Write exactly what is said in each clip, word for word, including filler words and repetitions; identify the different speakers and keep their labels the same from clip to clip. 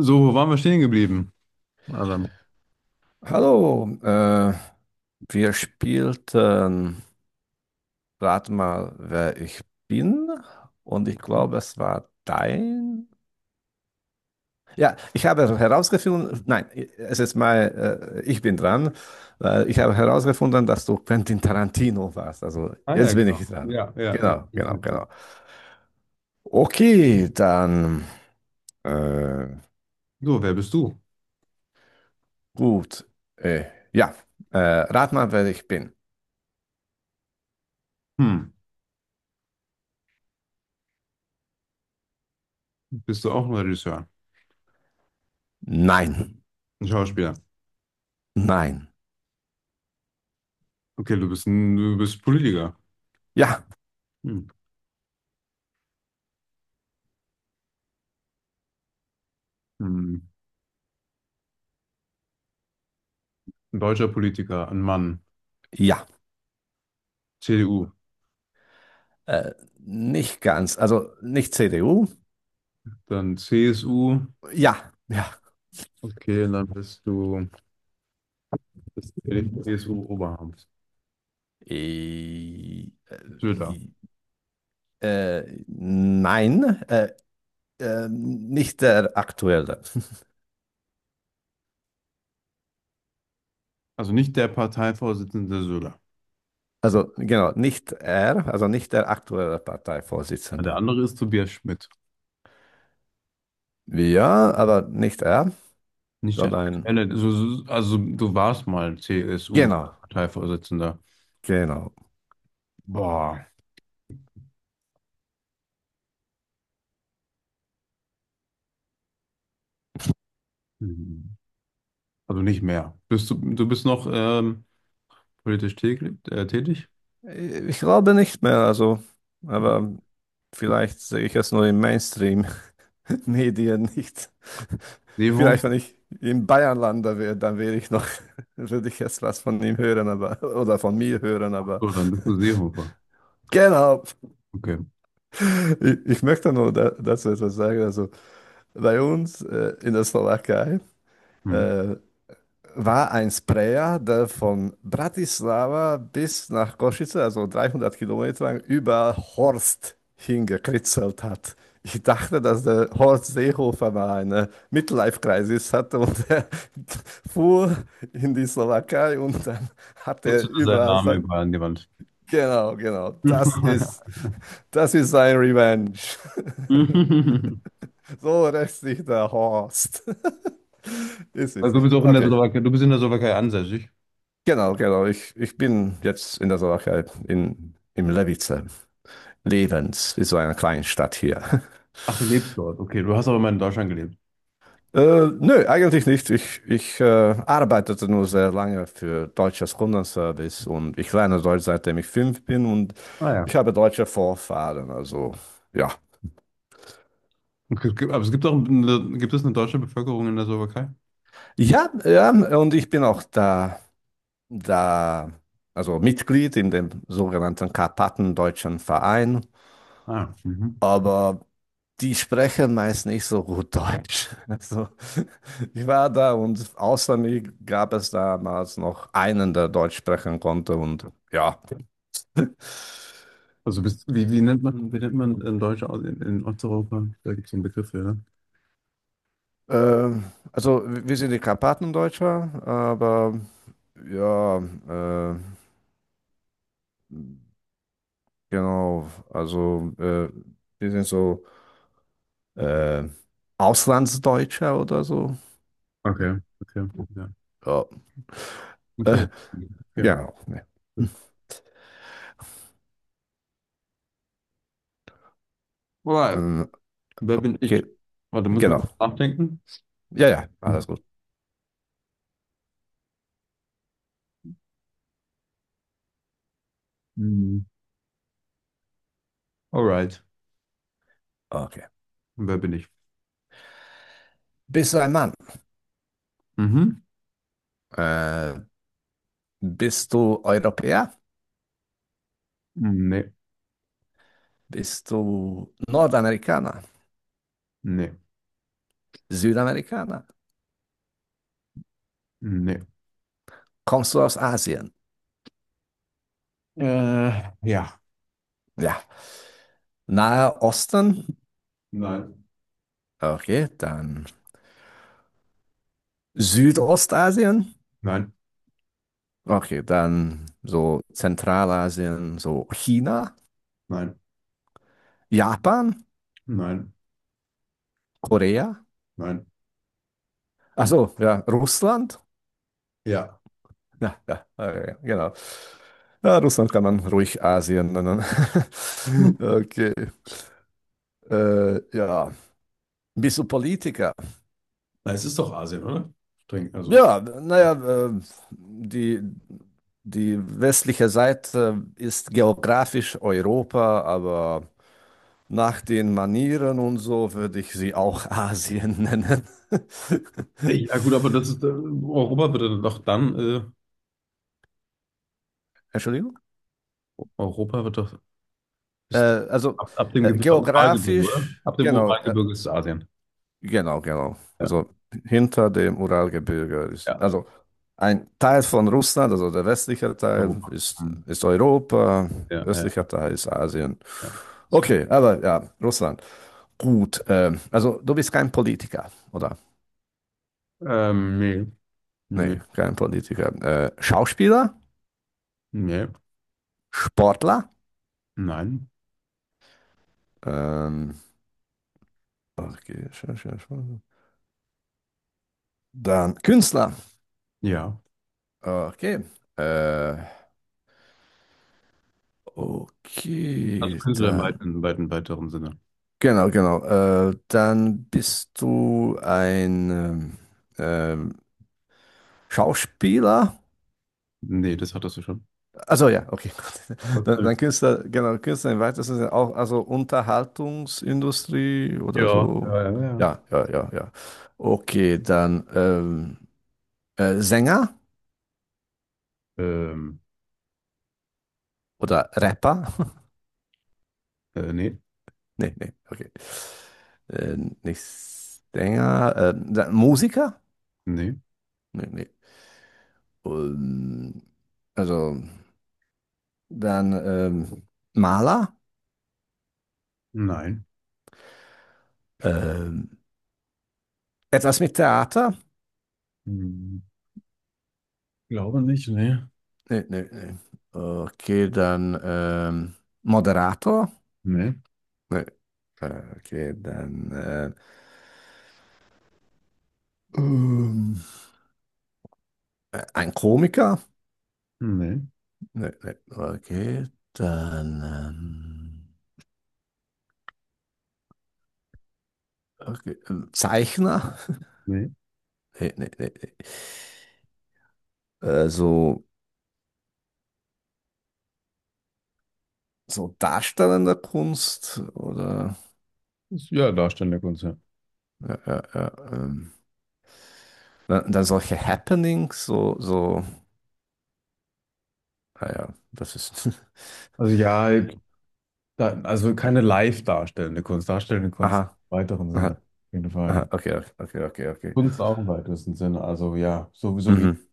Speaker 1: So, wo waren wir stehen geblieben? Adam?
Speaker 2: Hallo, äh, wir spielten, rat mal, wer ich bin. Und ich glaube, es war dein. Ja, ich habe herausgefunden, nein, es ist mal, äh, ich bin dran, weil ich habe herausgefunden, dass du Quentin Tarantino warst. Also
Speaker 1: Ah ja,
Speaker 2: jetzt
Speaker 1: Mhm,
Speaker 2: bin
Speaker 1: genau.
Speaker 2: ich dran.
Speaker 1: Ja, ja, ja,
Speaker 2: Genau,
Speaker 1: ja,
Speaker 2: genau,
Speaker 1: ja.
Speaker 2: genau. Okay, dann, äh,
Speaker 1: So, wer bist du?
Speaker 2: gut. Äh, ja, äh, rat mal, wer ich bin.
Speaker 1: Hm, bist du auch ein Regisseur?
Speaker 2: Nein,
Speaker 1: Ein Schauspieler?
Speaker 2: nein,
Speaker 1: Okay, du bist ein, du bist Politiker.
Speaker 2: ja,
Speaker 1: Hm. Hm. Ein deutscher Politiker, ein Mann.
Speaker 2: ja.
Speaker 1: C D U.
Speaker 2: Äh, Nicht ganz. Also nicht C D U.
Speaker 1: Dann C S U.
Speaker 2: Ja, ja.
Speaker 1: Okay, und dann bist du das C S U-Oberhaupt.
Speaker 2: Äh,
Speaker 1: Söder.
Speaker 2: äh, äh, nein, äh, äh, nicht der aktuelle.
Speaker 1: Also nicht der Parteivorsitzende Söder.
Speaker 2: Also genau, nicht er, also nicht der aktuelle
Speaker 1: Der
Speaker 2: Parteivorsitzende.
Speaker 1: andere ist Tobias Schmidt.
Speaker 2: Ja, aber nicht er,
Speaker 1: Nicht der
Speaker 2: sondern
Speaker 1: aktuelle. Also, also du warst mal
Speaker 2: genau,
Speaker 1: C S U-Parteivorsitzender.
Speaker 2: genau.
Speaker 1: Boah. Mhm. Also nicht mehr. Bist du, du bist noch ähm, politisch täglich, äh, tätig?
Speaker 2: Ich glaube nicht mehr, also, aber vielleicht sehe ich es nur im Mainstream. Nee, dir nicht.
Speaker 1: Seehofer?
Speaker 2: Vielleicht, wenn ich im Bayern lande wäre, dann wäre ich noch, würde ich jetzt was von ihm hören, aber, oder von mir hören, aber
Speaker 1: So, dann bist du Seehofer.
Speaker 2: genau.
Speaker 1: Okay.
Speaker 2: Ich, ich möchte nur da, dazu etwas sagen. Also bei uns äh, in der Slowakei,
Speaker 1: Mhm.
Speaker 2: äh, war ein Sprayer, der von Bratislava bis nach Košice, also dreihundert Kilometer lang, über Horst hingekritzelt hat. Ich dachte, dass der Horst Seehofer mal eine Midlife-Crisis hatte und er fuhr in die Slowakei und dann hat
Speaker 1: Jetzt
Speaker 2: er
Speaker 1: ist sein
Speaker 2: überall
Speaker 1: Name
Speaker 2: sein.
Speaker 1: überall an die Wand.
Speaker 2: Genau, genau, das ist, das ist sein Revenge. So rächt sich der Horst. Ist
Speaker 1: Also du
Speaker 2: witzig.
Speaker 1: bist auch in der
Speaker 2: Okay.
Speaker 1: Slowakei, du bist in der Slowakei ansässig.
Speaker 2: Genau, genau. Ich, ich bin jetzt in der Slowakei, in, im Levice. Levens, ist so eine kleine Stadt hier.
Speaker 1: Ach, du lebst dort. Okay, du hast auch immer in Deutschland gelebt.
Speaker 2: Äh, nö, eigentlich nicht. Ich, ich äh, arbeitete nur sehr lange für deutsches Kundenservice und ich lerne Deutsch, seitdem ich fünf bin und
Speaker 1: Ah ja.
Speaker 2: ich habe deutsche Vorfahren. Also ja.
Speaker 1: Okay, es gibt- aber es gibt auch eine, gibt es eine deutsche Bevölkerung in der Slowakei?
Speaker 2: Ja, ja, und ich bin auch da, da, also Mitglied in dem sogenannten Karpatendeutschen Verein.
Speaker 1: Ah, mhm.
Speaker 2: Aber die sprechen meist nicht so gut Deutsch. Also, ich war da und außer mir gab es damals noch einen, der Deutsch sprechen konnte. Und ja,
Speaker 1: Also bist, wie, wie nennt man, wie nennt man in Deutsch in, in Osteuropa? Da gibt es einen Begriff für, ne?
Speaker 2: ähm, also wir sind die Karpaten Deutscher, aber ja, äh, genau, also äh, wir sind so äh, Auslandsdeutscher oder so.
Speaker 1: Okay, okay, ja.
Speaker 2: Ja,
Speaker 1: Okay.
Speaker 2: äh,
Speaker 1: Okay.
Speaker 2: genau. Ja.
Speaker 1: Alright.
Speaker 2: Ähm,
Speaker 1: Wer bin
Speaker 2: okay,
Speaker 1: ich? Warte, muss man
Speaker 2: genau.
Speaker 1: kurz nachdenken?
Speaker 2: Ja, ja, alles gut.
Speaker 1: Hm. Alright.
Speaker 2: Okay.
Speaker 1: Wer bin ich?
Speaker 2: Bist du ein Mann?
Speaker 1: Mhm.
Speaker 2: Äh, Bist du Europäer?
Speaker 1: Nee,
Speaker 2: Bist du Nordamerikaner?
Speaker 1: nee,
Speaker 2: Südamerikaner?
Speaker 1: nee.
Speaker 2: Kommst du aus Asien?
Speaker 1: Äh, ja.
Speaker 2: Ja. Nahe Osten?
Speaker 1: Nein.
Speaker 2: Okay, dann Südostasien?
Speaker 1: Nein,
Speaker 2: Okay, dann so Zentralasien, so China,
Speaker 1: nein,
Speaker 2: Japan,
Speaker 1: nein,
Speaker 2: Korea?
Speaker 1: nein.
Speaker 2: Also ja, Russland?
Speaker 1: Ja.
Speaker 2: Ja, ja, okay, genau. Ja, Russland kann man ruhig Asien nennen.
Speaker 1: Hm.
Speaker 2: Okay, äh, ja. Bist du Politiker?
Speaker 1: Na, es ist doch Asien, oder? Streng, also.
Speaker 2: Ja,
Speaker 1: Ja,
Speaker 2: naja, äh, die, die westliche Seite ist geografisch Europa, aber nach den Manieren und so würde ich sie auch Asien nennen.
Speaker 1: ey, ja gut, aber das ist äh, Europa wird dann doch dann äh,
Speaker 2: Entschuldigung?
Speaker 1: Europa wird doch
Speaker 2: Äh,
Speaker 1: ist doch
Speaker 2: also
Speaker 1: ab, ab dem
Speaker 2: äh,
Speaker 1: Gebirge, Uralgebirge, oder?
Speaker 2: geografisch,
Speaker 1: Ab dem
Speaker 2: genau, äh,
Speaker 1: Uralgebirge ist Asien.
Speaker 2: genau, genau.
Speaker 1: Ja,
Speaker 2: Also hinter dem Uralgebirge ist,
Speaker 1: ja,
Speaker 2: also ein Teil von Russland, also der westliche Teil
Speaker 1: Europa.
Speaker 2: ist,
Speaker 1: Hm.
Speaker 2: ist Europa,
Speaker 1: Ja, ja,
Speaker 2: östlicher Teil ist Asien.
Speaker 1: ja.
Speaker 2: Okay, aber ja, Russland. Gut. Ähm, also du bist kein Politiker, oder?
Speaker 1: Ähm, nee. Nee,
Speaker 2: Nee, kein Politiker. Äh, Schauspieler,
Speaker 1: nee,
Speaker 2: Sportler,
Speaker 1: nein,
Speaker 2: ähm, okay, dann Künstler.
Speaker 1: ja.
Speaker 2: Okay. Äh,
Speaker 1: Also
Speaker 2: okay,
Speaker 1: Künstler im
Speaker 2: dann.
Speaker 1: weiten, weiten, weiteren Sinne.
Speaker 2: Genau, genau. Äh, dann bist du ein ähm, ähm, Schauspieler.
Speaker 1: Nee, das hattest du schon.
Speaker 2: Also ja, okay. Gut. Dann,
Speaker 1: Okay.
Speaker 2: dann Künstler, genau, Künstler im weitesten Sinne auch, also Unterhaltungsindustrie oder
Speaker 1: Ja, ja,
Speaker 2: so.
Speaker 1: ja, ja.
Speaker 2: Ja, ja, ja, ja. Okay, dann ähm, äh, Sänger
Speaker 1: Ähm,
Speaker 2: oder Rapper?
Speaker 1: äh, nee,
Speaker 2: Nee, nee, okay. Äh, Nicht Sänger, äh, dann Musiker?
Speaker 1: nee,
Speaker 2: Nee, nee. Ähm, also dann ähm, Maler?
Speaker 1: nein.
Speaker 2: Ähm, Etwas mit Theater?
Speaker 1: Hm, glaube nicht, nee.
Speaker 2: Nee, nee, nee. Okay, dann ähm, Moderator?
Speaker 1: Nee,
Speaker 2: Nee. Äh, Okay, dann äh, ähm, äh, ein Komiker?
Speaker 1: nee,
Speaker 2: Nee, nee. Okay, dann ähm, okay, äh, Zeichner?
Speaker 1: nee.
Speaker 2: Nee, nee, nee, nee. Äh, so, so darstellende Kunst oder
Speaker 1: Ist ja, darstellende Kunst, ja.
Speaker 2: ja, ja, ja, ähm, dann, dann solche Happenings, so, so, naja, das ist.
Speaker 1: Also ja, da, also keine live darstellende Kunst, darstellende Kunst im
Speaker 2: Aha,
Speaker 1: weiteren
Speaker 2: aha,
Speaker 1: Sinne, auf jeden
Speaker 2: aha,
Speaker 1: Fall.
Speaker 2: okay, okay, okay, okay. Okay.
Speaker 1: Kunst auch im weitesten Sinne, also ja, sowieso wie,
Speaker 2: Mhm.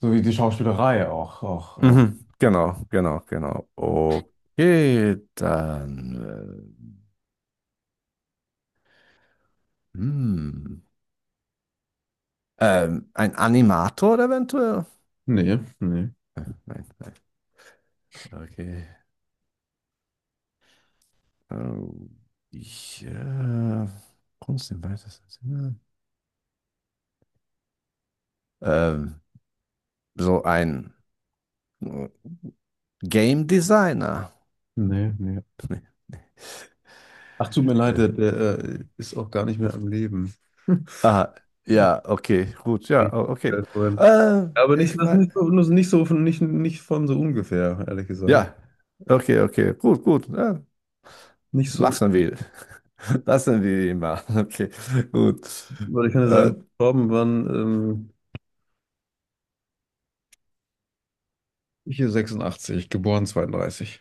Speaker 1: so wie die Schauspielerei auch, auch, auch.
Speaker 2: Mhm. Genau, genau, genau. Okay, dann. Äh, hm. Ähm, ein Animator eventuell?
Speaker 1: Nee, nee,
Speaker 2: Äh, Nein, nein. Okay. Ähm, ich, äh, Kunst im weitesten Sinne. Ähm, so ein äh, Game Designer.
Speaker 1: nee, nee. Ach, tut mir leid,
Speaker 2: Äh.
Speaker 1: der, der äh, ist auch gar nicht mehr am Leben.
Speaker 2: Ah,
Speaker 1: Ja,
Speaker 2: ja, okay, gut, ja,
Speaker 1: ich
Speaker 2: o- okay.
Speaker 1: hab's vorhin.
Speaker 2: Äh,
Speaker 1: Aber nicht,
Speaker 2: ich
Speaker 1: das
Speaker 2: meine,
Speaker 1: nicht so, nicht so von, nicht, nicht von so ungefähr, ehrlich gesagt.
Speaker 2: ja, okay, okay, gut, gut. Ähm,
Speaker 1: Nicht so
Speaker 2: Lassen
Speaker 1: schlimm,
Speaker 2: wir. Lassen wir ihn mal. Okay, gut.
Speaker 1: weil ich kann ja
Speaker 2: Äh,
Speaker 1: sagen, gestorben waren ähm, hier sechsundachtzig, geboren zweiunddreißig.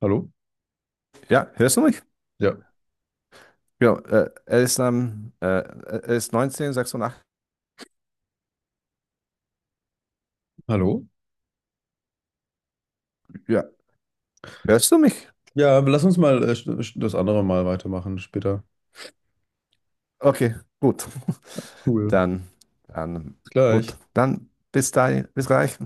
Speaker 1: Hallo?
Speaker 2: ja, hörst du mich?
Speaker 1: Ja.
Speaker 2: Ja, äh, er ist, ähm, äh, er ist neunzehnhundertsechsundachtzig.
Speaker 1: Hallo?
Speaker 2: Ja, hörst du mich?
Speaker 1: Ja, aber lass uns mal äh, sch- sch- das andere Mal weitermachen später.
Speaker 2: Okay, gut.
Speaker 1: Cool.
Speaker 2: Dann, dann,
Speaker 1: Bis gleich.
Speaker 2: gut. Dann bis dahin, bis gleich.